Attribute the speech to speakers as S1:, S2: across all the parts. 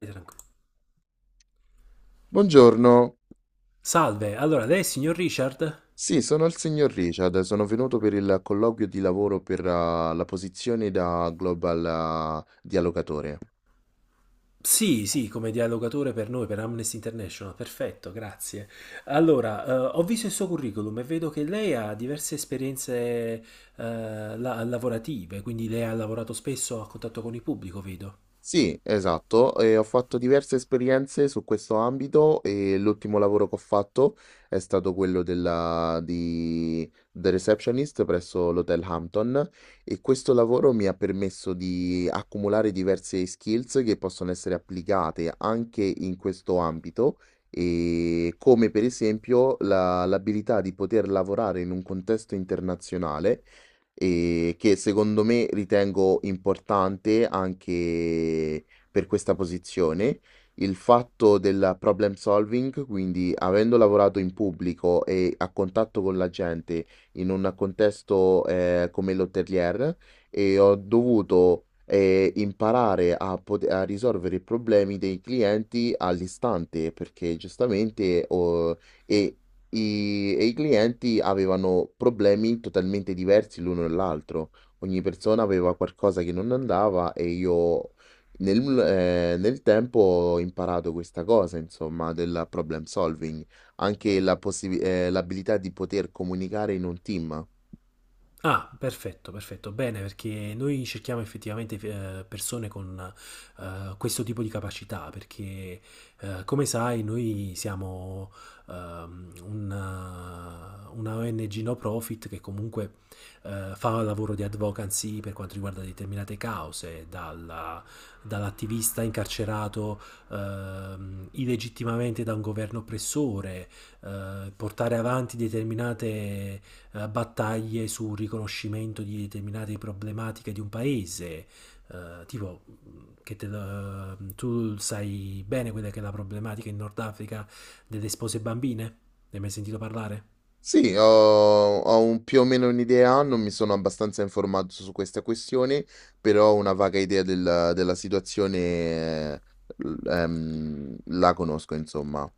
S1: Tranquillo.
S2: Buongiorno,
S1: Salve, allora lei è il signor Richard?
S2: sì, sono il signor Richard, sono venuto per il colloquio di lavoro per la posizione da Global Dialogatore.
S1: Sì, sì, come dialogatore per noi, per Amnesty International, perfetto, grazie. Allora, ho visto il suo curriculum e vedo che lei ha diverse esperienze, lavorative, quindi lei ha lavorato spesso a contatto con il pubblico, vedo.
S2: Sì, esatto, e ho fatto diverse esperienze su questo ambito e l'ultimo lavoro che ho fatto è stato quello di The Receptionist presso l'Hotel Hampton, e questo lavoro mi ha permesso di accumulare diverse skills che possono essere applicate anche in questo ambito, e come per esempio l'abilità di poter lavorare in un contesto internazionale e che secondo me ritengo importante anche per questa posizione. Il fatto del problem solving, quindi avendo lavorato in pubblico e a contatto con la gente in un contesto come l'hotelier, e ho dovuto imparare a, a risolvere i problemi dei clienti all'istante, perché giustamente oh, e e i clienti avevano problemi totalmente diversi l'uno dall'altro. Ogni persona aveva qualcosa che non andava e io nel tempo ho imparato questa cosa, insomma, del problem solving, anche la l'abilità di poter comunicare in un team.
S1: Ah, perfetto, perfetto. Bene, perché noi cerchiamo effettivamente persone con questo tipo di capacità, perché come sai, noi siamo una ONG no profit che comunque fa lavoro di advocacy per quanto riguarda determinate cause, dall'attivista incarcerato illegittimamente da un governo oppressore, portare avanti determinate battaglie sul riconoscimento di determinate problematiche di un paese, eh, tipo che tu sai bene quella che è la problematica in Nord Africa delle spose bambine? Ne hai mai sentito parlare?
S2: Sì, ho, ho più o meno un'idea, non mi sono abbastanza informato su questa questione, però ho una vaga idea della situazione, la conosco, insomma.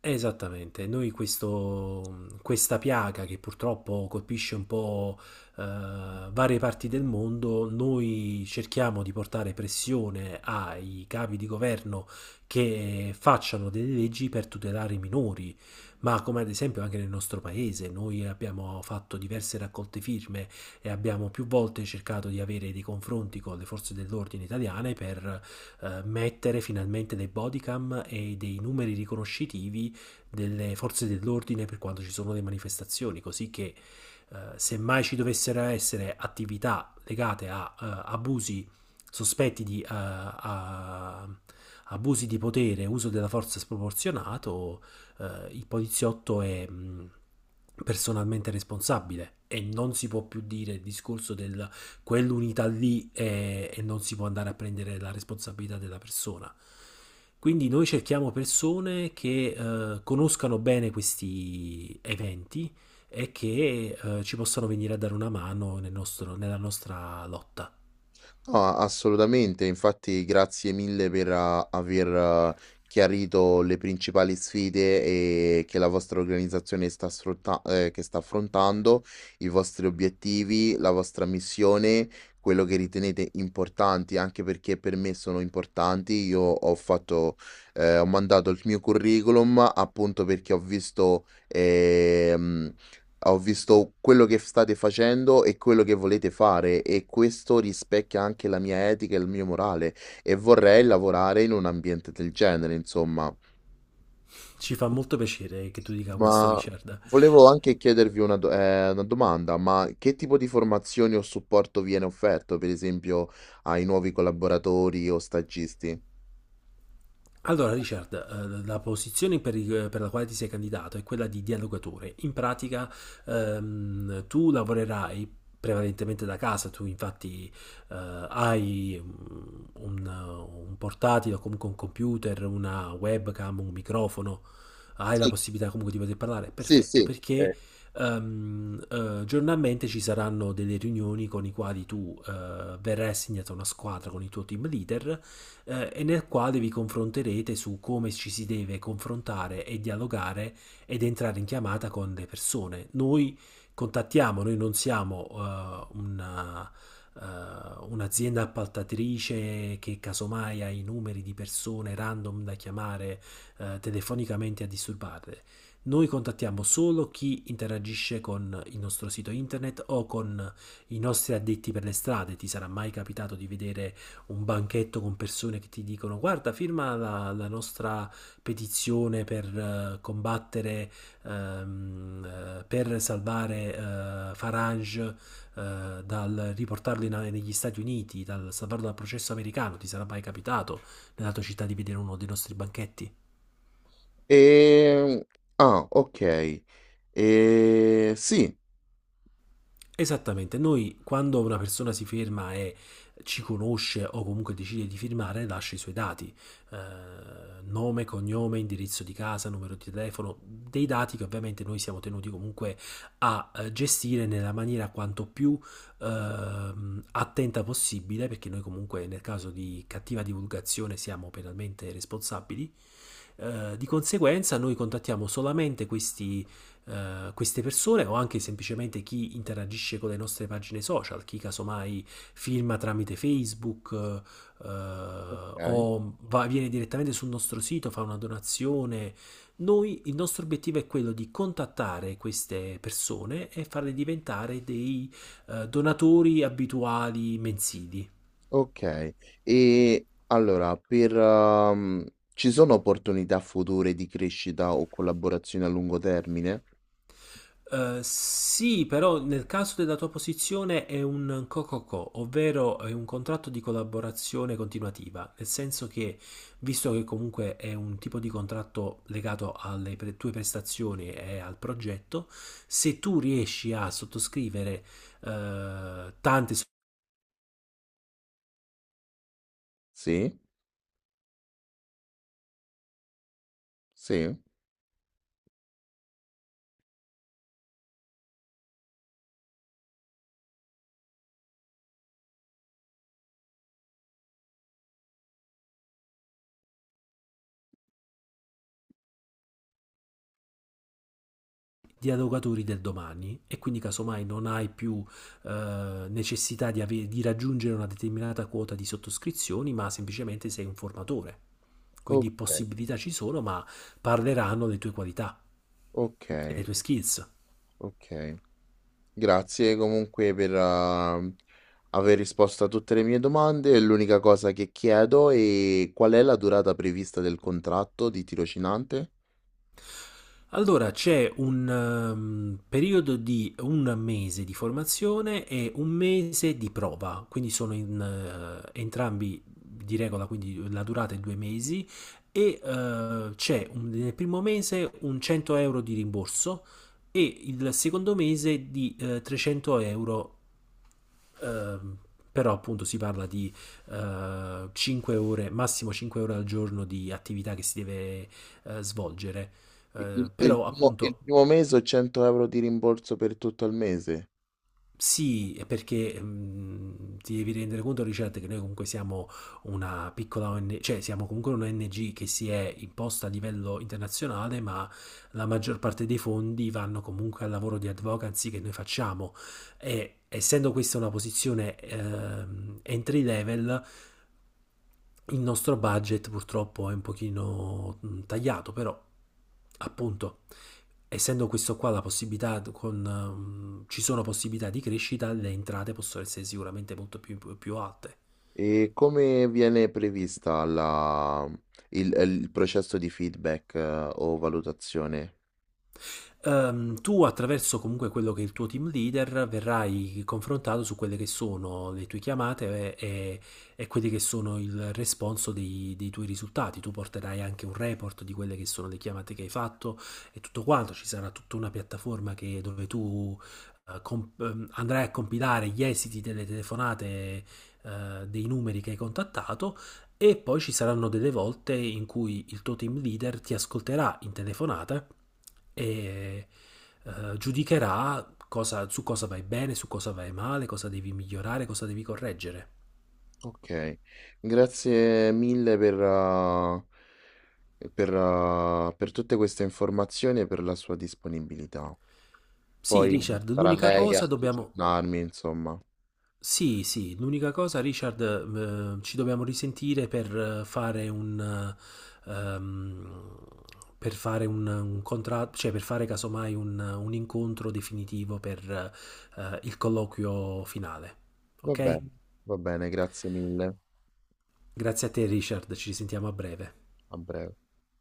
S1: Esattamente, noi questo, questa piaga che purtroppo colpisce un po' eh, varie parti del mondo, noi cerchiamo di portare pressione ai capi di governo che facciano delle leggi per tutelare i minori, ma come ad esempio anche nel nostro paese, noi abbiamo fatto diverse raccolte firme e abbiamo più volte cercato di avere dei confronti con le forze dell'ordine italiane per mettere finalmente dei bodycam e dei numeri riconoscitivi delle forze dell'ordine per quando ci sono le manifestazioni, così che semmai ci dovessero essere attività legate a abusi sospetti abusi di potere, uso della forza sproporzionato, il poliziotto è personalmente responsabile e non si può più dire il discorso del e non si può andare a prendere la responsabilità della persona. Quindi noi cerchiamo persone che conoscano bene questi eventi e che ci possano venire a dare una mano nella nostra lotta.
S2: No, assolutamente, infatti grazie mille per aver chiarito le principali sfide e che la vostra organizzazione sta, che sta affrontando, i vostri obiettivi, la vostra missione, quello che ritenete importanti, anche perché per me sono importanti. Io ho fatto, ho mandato il mio curriculum appunto perché ho visto quello che state facendo e quello che volete fare, e questo rispecchia anche la mia etica e il mio morale e vorrei lavorare in un ambiente del genere, insomma.
S1: Ci fa molto piacere che tu dica questo,
S2: Ma
S1: Richard.
S2: volevo anche chiedervi una, una domanda, ma che tipo di formazioni o supporto viene offerto, per esempio, ai nuovi collaboratori o stagisti?
S1: Allora, Richard, la posizione per la quale ti sei candidato è quella di dialogatore. In pratica, tu lavorerai prevalentemente da casa, tu infatti eh, hai un- un portatile o comunque un computer, una webcam, un microfono, hai la
S2: Sì,
S1: possibilità comunque di poter parlare,
S2: sì,
S1: perfetto,
S2: sì.
S1: perché giornalmente ci saranno delle riunioni con i quali tu verrai assegnato a una squadra con il tuo team leader, e nel quale vi confronterete su come ci si deve confrontare e dialogare ed entrare in chiamata con le persone. Noi contattiamo, noi non siamo un'azienda appaltatrice che casomai ha i numeri di persone random da chiamare telefonicamente a disturbarle. Noi contattiamo solo chi interagisce con il nostro sito internet o con i nostri addetti per le strade. Ti sarà mai capitato di vedere un banchetto con persone che ti dicono guarda, firma la nostra petizione per combattere, per salvare Farage, negli Stati Uniti, dal salvarlo dal processo americano. Ti sarà mai capitato nella tua città di vedere uno dei nostri banchetti?
S2: E... Ah, ok. E... Sì.
S1: Esattamente, noi quando una persona si ferma e ci conosce o comunque decide di firmare, lascia i suoi dati, eh, nome, cognome, indirizzo di casa, numero di telefono, dei dati che ovviamente noi siamo tenuti comunque a gestire nella maniera quanto più eh, attenta possibile, perché noi comunque nel caso di cattiva divulgazione siamo penalmente responsabili. Di conseguenza noi contattiamo solamente questi, queste persone o anche semplicemente chi interagisce con le nostre pagine social, chi casomai filma tramite Facebook,
S2: Ok.
S1: viene direttamente sul nostro sito, fa una donazione. Noi, il nostro obiettivo è quello di contattare queste persone e farle diventare dei donatori abituali mensili.
S2: Okay. E allora per ci sono opportunità future di crescita o collaborazioni a lungo termine?
S1: Sì, però nel caso della tua posizione è un co-co-co, ovvero è un contratto di collaborazione continuativa, nel senso che, visto che comunque è un tipo di contratto legato alle tue prestazioni e al progetto, se tu riesci a sottoscrivere eh, tanti so-
S2: Sì? Sì?
S1: dialogatori del domani e quindi casomai non hai più necessità di di raggiungere una determinata quota di sottoscrizioni, ma semplicemente sei un formatore. Quindi
S2: Okay,
S1: possibilità ci sono, ma parleranno delle tue qualità e
S2: okay,
S1: delle tue skills.
S2: okay. Grazie comunque per aver risposto a tutte le mie domande. L'unica cosa che chiedo è qual è la durata prevista del contratto di tirocinante?
S1: Allora c'è un periodo di 1 mese di formazione e 1 mese di prova, quindi sono entrambi di regola, quindi la durata è 2 mesi e nel primo mese un 100 euro di rimborso e il secondo mese di 300 euro. Ehm, però appunto si parla di 5 ore, massimo 5 ore al giorno di attività che si deve svolgere.
S2: I
S1: Però
S2: il
S1: appunto
S2: primo mese o 100 € di rimborso per tutto il mese?
S1: sì, è perché ti devi rendere conto, Richard, che noi comunque siamo una piccola ONG, cioè siamo comunque un'ONG che si è imposta a livello internazionale, ma la maggior parte dei fondi vanno comunque al lavoro di advocacy che noi facciamo. E essendo questa una posizione entry level, il nostro budget purtroppo è un pochino tagliato, però appunto essendo questo qua la possibilità ci sono possibilità di crescita, le entrate possono essere sicuramente molto più alte.
S2: E come viene prevista la, il processo di feedback, o valutazione?
S1: Tu attraverso comunque quello che è il tuo team leader verrai confrontato su quelle che sono le tue chiamate e quelli che sono il responso dei tuoi risultati. Tu porterai anche un report di quelle che sono le chiamate che hai fatto e tutto quanto. Ci sarà tutta una piattaforma dove tu andrai a compilare gli esiti delle telefonate, dei numeri che hai contattato e poi ci saranno delle volte in cui il tuo team leader ti ascolterà in telefonata e giudicherà su cosa vai bene, su cosa vai male, cosa devi migliorare, cosa devi correggere.
S2: Ok, grazie mille per tutte queste informazioni e per la sua disponibilità.
S1: Sì,
S2: Poi
S1: Richard,
S2: sarà
S1: l'unica
S2: lei a
S1: cosa dobbiamo...
S2: aggiornarmi, insomma.
S1: Sì, sì, l'unica cosa, Richard, ci dobbiamo risentire per eh, fare un, eh, ehm, per fare un contratto, cioè per fare casomai un incontro definitivo per il colloquio finale.
S2: Va
S1: Ok?
S2: bene, va bene, grazie mille.
S1: Grazie a te, Richard, ci risentiamo a breve.
S2: A breve.